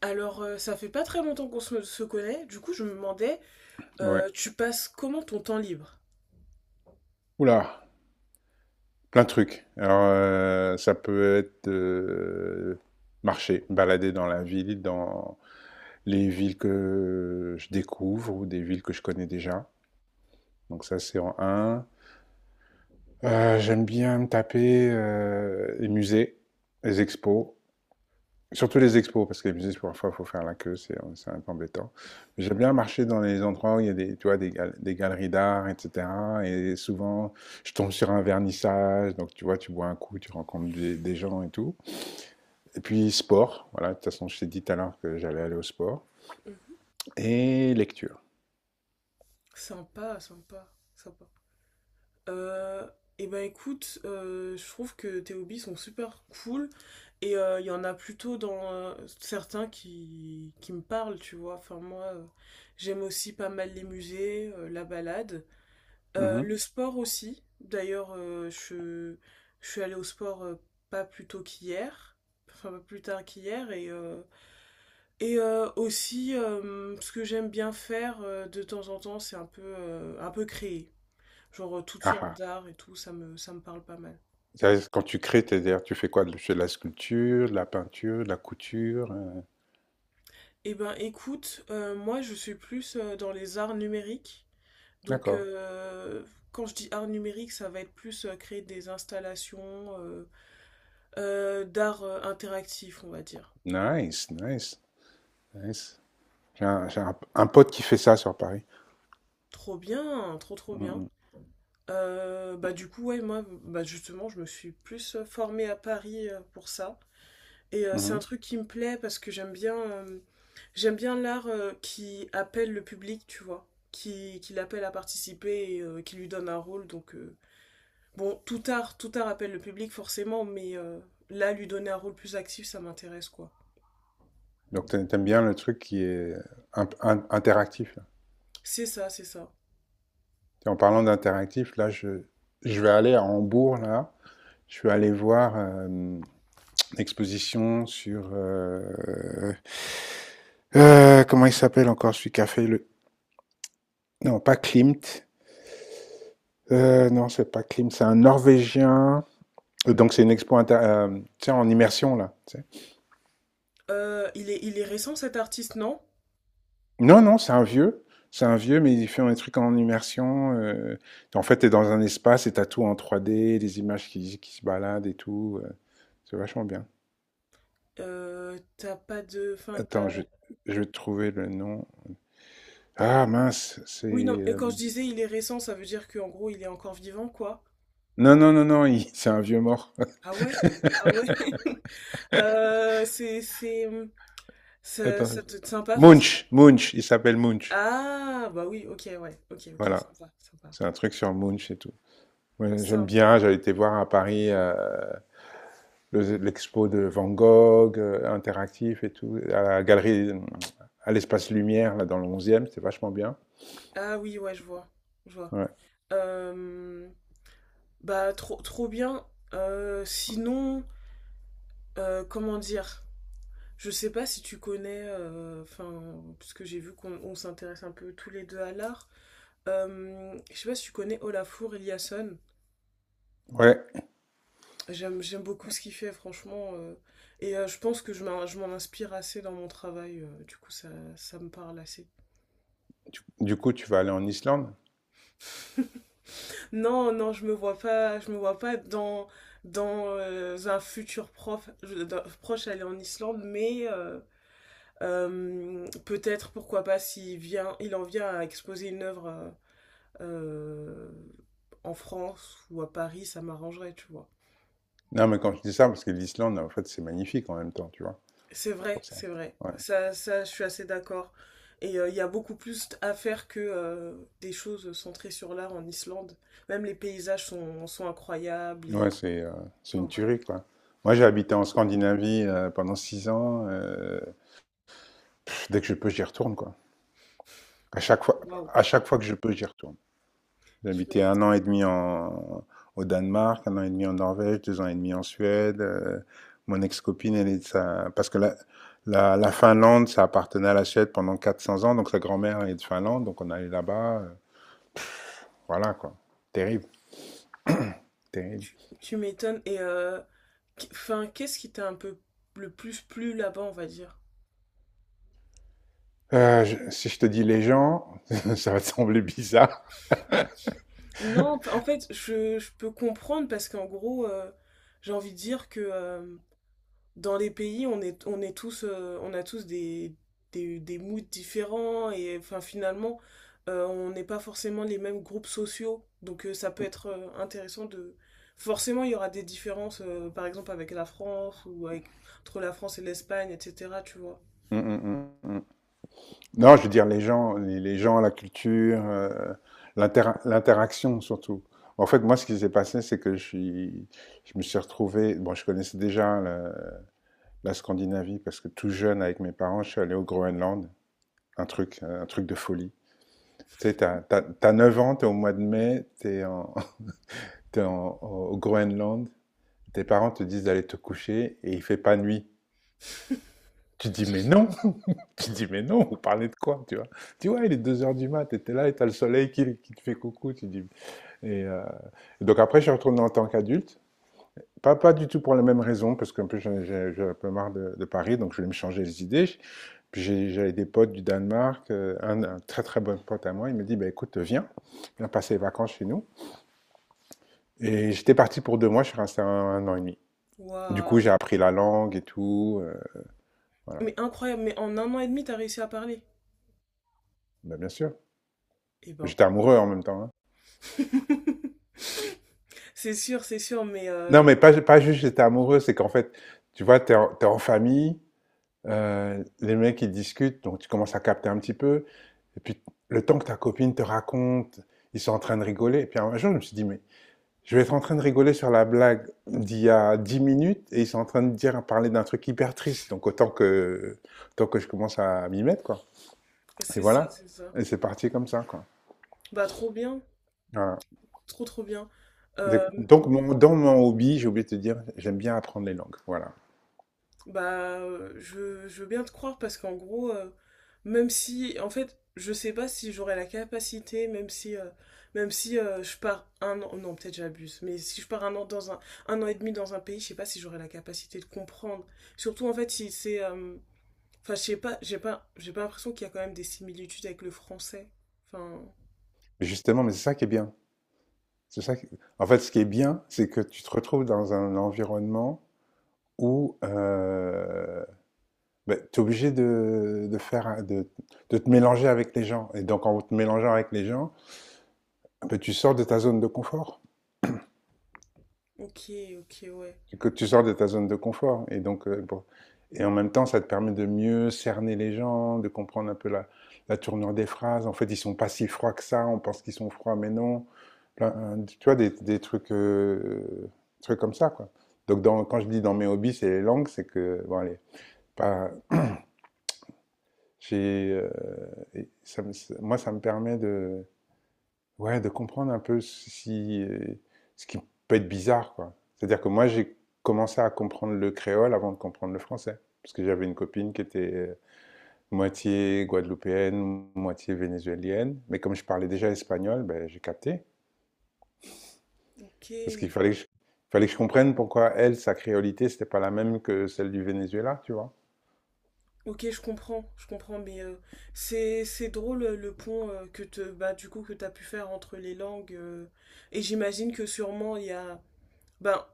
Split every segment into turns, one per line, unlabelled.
Alors, ça fait pas très longtemps qu'on se connaît. Du coup, je me demandais,
Ouais.
tu passes comment ton temps libre?
Oula, plein de trucs. Alors, ça peut être marcher, balader dans la ville, dans les villes que je découvre ou des villes que je connais déjà. Donc ça, c'est en un. J'aime bien me taper les musées, les expos. Surtout les expos, parce que les musées, parfois, il faut faire la queue, c'est un peu embêtant. Mais j'aime bien marcher dans les endroits où il y a des, tu vois, des galeries d'art, etc. Et souvent, je tombe sur un vernissage, donc tu vois, tu bois un coup, tu rencontres des gens et tout. Et puis, sport, voilà, de toute façon, je t'ai dit tout à l'heure que j'allais aller au sport.
Mhm.
Et lecture.
Sympa, sympa, sympa. Euh, et ben écoute, je trouve que tes hobbies sont super cool et il y en a plutôt dans certains qui me parlent, tu vois. Enfin moi, j'aime aussi pas mal les musées, la balade. Euh,
Mhm.
le sport aussi. D'ailleurs, je suis allée au sport, pas plus tôt qu'hier, enfin pas plus tard qu'hier. Et aussi, ce que j'aime bien faire, de temps en temps, c'est un peu, un peu créer. Genre, toutes
Ah,
sortes
ah.
d'arts et tout, ça me parle pas mal.
Ça, c'est quand tu crées, c'est-à-dire, tu fais quoi? Tu fais de la sculpture, de la peinture, de la couture.
Eh ben écoute, moi je suis plus, dans les arts numériques. Donc,
D'accord.
quand je dis arts numériques, ça va être plus, créer des installations, d'art, interactif, on va dire.
Nice, nice, nice. Un pote qui fait ça sur Paris.
Trop bien, trop trop
Mmh
bien.
mh.
Bah du coup, ouais, moi, bah justement je me suis plus, formée à Paris, pour ça. Et, c'est un
Mmh.
truc qui me plaît parce que j'aime bien l'art, qui appelle le public, tu vois, qui l'appelle à participer, et qui lui donne un rôle. Donc, bon, tout art appelle le public forcément, mais là, lui donner un rôle plus actif, ça m'intéresse, quoi.
Donc tu aimes bien le truc qui est un p interactif, là?
C'est ça, c'est ça.
Tu en parlant d'interactif, là, je vais aller à Hambourg, là. Je suis allé voir, une exposition sur, comment il s'appelle encore celui qui a fait le, non, pas Klimt, non, c'est pas Klimt, c'est un Norvégien. Donc c'est une expo tu sais, en immersion, là.
Il est récent, cet artiste, non?
Non, non, c'est un vieux. C'est un vieux, mais il fait un truc en immersion. En fait, t'es dans un espace et t'as tout en 3D, des images qui se baladent et tout. C'est vachement bien.
T'as pas de, enfin...
Attends, je vais trouver le nom. Ah mince, c'est...
Oui, non, et
euh,
quand je disais il est récent, ça veut dire qu'en gros, il est encore vivant, quoi.
Non, non, non, non, il- c'est un vieux mort.
Ah ouais? Ah ouais? Euh, c'est, c'est, hum, ça
Attends.
te, sympa, enfin, ça-
Munch, Munch, il s'appelle Munch.
Ah, bah oui, ok, ouais, ok, ok,
Voilà,
sympa, sympa.
c'est un truc sur Munch et tout. Ouais, j'aime
Sympa.
bien, j'avais été voir à Paris l'expo de Van Gogh, interactif et tout, à la galerie, à l'espace Lumière, là, dans le onzième e c'était vachement bien.
Ah oui, ouais, je vois, je vois.
Ouais.
Euh, Bah, trop, trop bien. Sinon, comment dire? Je sais pas si tu connais, enfin, parce que j'ai vu qu'on s'intéresse un peu tous les deux à l'art. Je sais pas si tu connais Olafur Eliasson.
Ouais.
J'aime beaucoup ce qu'il fait, franchement. Et je pense que je m'en inspire assez dans mon travail. Du coup, ça me parle assez.
Du coup, tu vas aller en Islande.
Non, non, je me vois pas dans, un futur prof, proche aller en Islande, mais peut-être, pourquoi pas, s'il vient, il en vient à exposer une œuvre, euh, en France ou à Paris, ça m'arrangerait, tu vois.
Non, mais quand je dis ça, parce que l'Islande, en fait, c'est magnifique en même temps, tu vois,
C'est vrai,
pour ça.
c'est vrai.
Ouais,
Ça, je suis assez d'accord. Et, il y a beaucoup plus à faire que, des choses centrées sur l'art en Islande. Même les paysages sont incroyables
ouais
et.
c'est euh, c'est une
Enfin voilà.
tuerie, quoi. Moi, j'ai habité en Scandinavie pendant 6 ans. Pff, dès que je peux, j'y retourne, quoi. À chaque fois,
Waouh.
à chaque fois que je peux, j'y retourne. J'ai
Tu
habité
m'é-
un an et demi en, Au Danemark, 1 an et demi en Norvège, 2 ans et demi en Suède. Mon ex-copine, elle est de sa... Parce que la Finlande, ça appartenait à la Suède pendant 400 ans, donc sa grand-mère est de Finlande, donc on allait là-bas. Voilà, quoi. Terrible, terrible.
tu m'étonnes. Et, enfin, qu'est-ce qui t'a un peu le plus plu là-bas, on va dire?
Si je te dis les gens, ça va te sembler bizarre.
Non, en fait, je peux comprendre parce qu'en gros, j'ai envie de dire que, dans les pays, on est, tous, on a tous des, moods différents. Et enfin, finalement, on n'est pas forcément les mêmes groupes sociaux. Donc, ça peut être, intéressant de. Forcément, il y aura des différences, par exemple avec la France ou avec. Entre la France et l'Espagne, etc. Tu vois.
Mm, mm, mm, mm. Non, je veux dire les gens, les gens, la culture, l'interaction surtout. En fait, moi, ce qui s'est passé, c'est je me suis retrouvé. Bon, je connaissais déjà la Scandinavie parce que tout jeune, avec mes parents, je suis allé au Groenland. Un truc de folie. Tu sais, t'as 9 ans, t'es au mois de mai, t'es en, au Groenland. Tes parents te disent d'aller te coucher et il fait pas nuit. Tu dis mais non, tu dis, mais non, vous parlez de quoi, tu vois? Tu vois, il est 2 heures du mat, t'étais là et t'as le soleil qui te fait coucou, tu dis. Et, euh, et donc après, je suis retourné en tant qu'adulte. Pas, pas du tout pour la même raison, parce qu'un peu, j'en ai- j'ai un peu marre de Paris, donc je voulais me changer les idées. J'avais des potes du Danemark, un très très bon pote à moi, il me dit, bah, écoute, viens, viens passer les vacances chez nous. Et j'étais parti pour 2 mois, je suis resté 1 an et demi. Du coup, j'ai
Waouh.
appris la langue et tout, voilà.
Mais incroyable, mais en un an et demi, t'as réussi à parler.
Bah, bien sûr,
Eh ben.
j'étais amoureux en même temps, hein.
C'est sûr, mais,
Non, mais pas, pas juste j'étais amoureux, c'est qu'en fait, tu vois, t'es en famille, les mecs ils discutent, donc tu commences à capter un petit peu, et puis le temps que ta copine te raconte, ils sont en train de rigoler, et puis un jour je me suis dit, mais je vais être en train de rigoler sur la blague d'il y a 10 minutes, et ils sont en train de dire, parler d'un truc hyper triste, donc autant que je commence à m'y mettre, quoi. Et
c'est ça,
voilà,
c'est ça.
et c'est parti comme ça, quoi.
Bah trop bien.
Voilà.
Trop trop bien. Euh,
Donc,
mais,
dans mon hobby, j'ai oublié de te dire, j'aime bien apprendre les langues, voilà.
bah, euh, je, je veux bien te croire parce qu'en gros, même si, en fait, je sais pas si j'aurai la capacité, même si, je pars un an, non, peut-être j'abuse, mais si je pars un an dans un an et demi dans un pays, je sais pas si j'aurai la capacité de comprendre. Surtout, en fait, si c'est, enfin, je sais pas, j'ai pas l'impression qu'il y a quand même des similitudes avec le français. Enfin,
Justement, mais c'est ça qui est bien. C'est ça qui- En fait, ce qui est bien, c'est que tu te retrouves dans un environnement où ben, tu es obligé de faire, de te mélanger avec les gens. Et donc, en te mélangeant avec les gens, ben, tu sors de ta zone de confort.
ok, ok, ouais,
Que tu sors de ta zone de confort. Et donc, et en même temps, ça te permet de mieux cerner les gens, de comprendre un peu la tournure des phrases. En fait, ils ne sont pas si froids que ça. On pense qu'ils sont froids, mais non. Tu vois, des trucs, trucs comme ça, quoi. Donc, quand je dis dans mes hobbies, c'est les langues, c'est que, bon, allez, pas, j'ai, ça me- moi, ça me permet de, ouais, de comprendre un peu si, ce qui peut être bizarre, quoi. C'est-à-dire que moi, j'ai commencé à comprendre le créole avant de comprendre le français. Parce que j'avais une copine qui était moitié guadeloupéenne, moitié vénézuélienne. Mais comme je parlais déjà espagnol, ben, j'ai capté.
ok.
Parce qu'il fallait que je comprenne pourquoi elle, sa créolité, c'était pas la même que celle du Venezuela, tu vois.
Ok, je comprends, mais, c'est drôle, le pont, que te bah du coup que t'as pu faire entre les langues, et j'imagine que sûrement il y a ben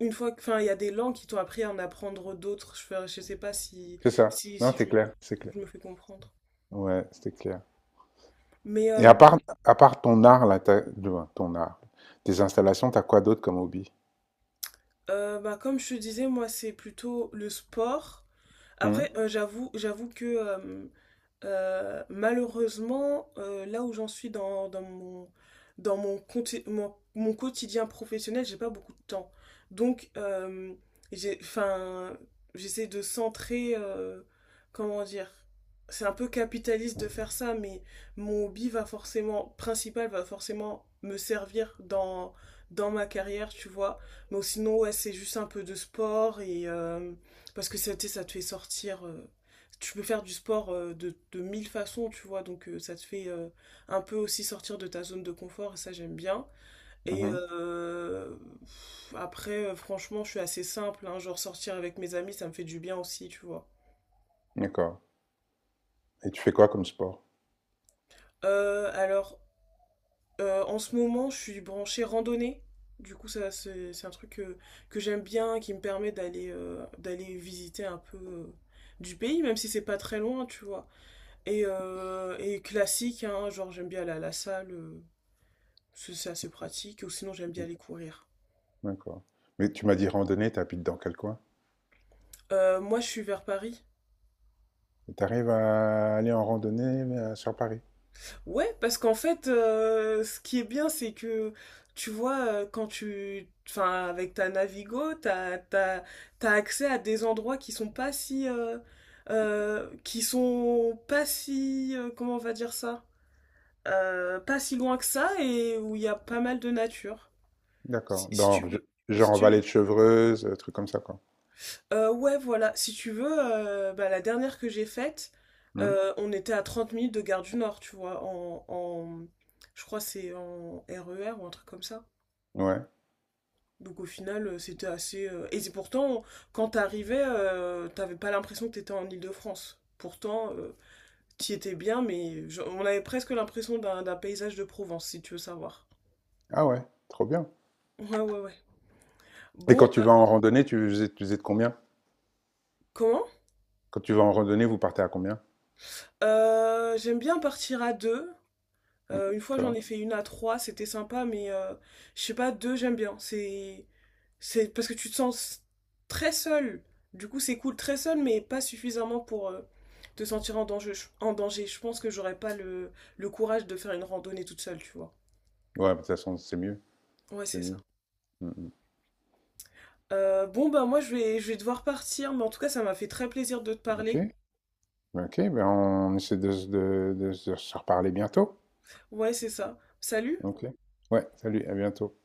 une fois que enfin il y a des langues qui t'ont appris à en apprendre d'autres. Je sais pas si
C'est ça.
si
Non,
si
c'est
je me
clair, c'est clair.
je me fais comprendre.
Ouais, c'était clair.
Mais,
Et à part ton art, là, ton art, tes installations, t'as quoi d'autre comme hobby?
bah, comme je te disais, moi c'est plutôt le sport.
Mhm,
Après, j'avoue que, malheureusement, là où j'en suis dans mon quotidien professionnel, j'ai pas beaucoup de temps. Donc, enfin, j'essaie de centrer, comment dire, c'est un peu capitaliste de faire ça, mais mon hobby va forcément, principal va forcément me servir dans ma carrière, tu vois. Donc sinon, ouais, c'est juste un peu de sport parce que ça te fait sortir. Tu peux faire du sport, de mille façons, tu vois. Donc, ça te fait, un peu aussi sortir de ta zone de confort. Et ça, j'aime bien. Et,
mhm.
pff, après, franchement, je suis assez simple, hein, genre, sortir avec mes amis, ça me fait du bien aussi, tu vois.
D'accord. Et tu fais quoi comme sport?
Alors, en ce moment, je suis branchée randonnée. Du coup, ça, c'est un truc que j'aime bien, qui me permet d'aller visiter un peu, du pays, même si c'est pas très loin, tu vois. Et classique, hein, genre j'aime bien aller à la salle, c'est assez pratique, ou sinon j'aime bien
Mmh,
aller courir.
d'accord. Mais tu m'as dit randonnée, tu habites dans quel coin?
Moi je suis vers Paris.
Tu arrives à aller en randonnée sur Paris?
Ouais, parce qu'en fait, ce qui est bien, c'est que tu vois, quand tu. Enfin, avec ta Navigo, t'as accès à des endroits qui sont pas si, comment on va dire ça? Pas si loin que ça, et où il y a pas mal de nature. Si,
D'accord.
si tu veux.
Genre
Si
en vallée de
tu
Chevreuse, truc comme ça, quoi.
Ouais, voilà. Si tu veux, bah, la dernière que j'ai faite,
Mmh.
on était à 30 minutes de Gare du Nord, tu vois, je crois que c'est en RER ou un truc comme ça.
Ouais.
Donc au final, c'était assez. Et c'est pourtant, quand t'arrivais, t'avais pas l'impression que t'étais en Île-de-France. Pourtant, t'y étais bien, mais on avait presque l'impression d'un paysage de Provence, si tu veux savoir.
Ah ouais, trop bien.
Ouais, ouais, ouais.
Et
Bon,
quand tu vas en randonnée, tu faisais de combien?
comment?
Quand tu vas en randonnée, vous partez à combien?
J'aime bien partir à deux. Une fois j'en
D'accord.
ai fait une à trois, c'était sympa, mais, je sais pas, deux j'aime bien. C'est parce que tu te sens très seul. Du coup c'est cool très seul, mais pas suffisamment pour, te sentir en danger. En danger. Je pense que j'aurais pas le courage de faire une randonnée toute seule, tu vois.
Ouais, de toute façon, c'est mieux.
Ouais
C'est
c'est ça.
mieux. Mm, mm.
Bon bah moi je vais devoir partir, mais en tout cas ça m'a fait très plaisir de te
Ok.
parler.
Ok, ben on essaie de se reparler bientôt.
Ouais c'est ça. Salut.
Ok. Ouais, salut, à bientôt.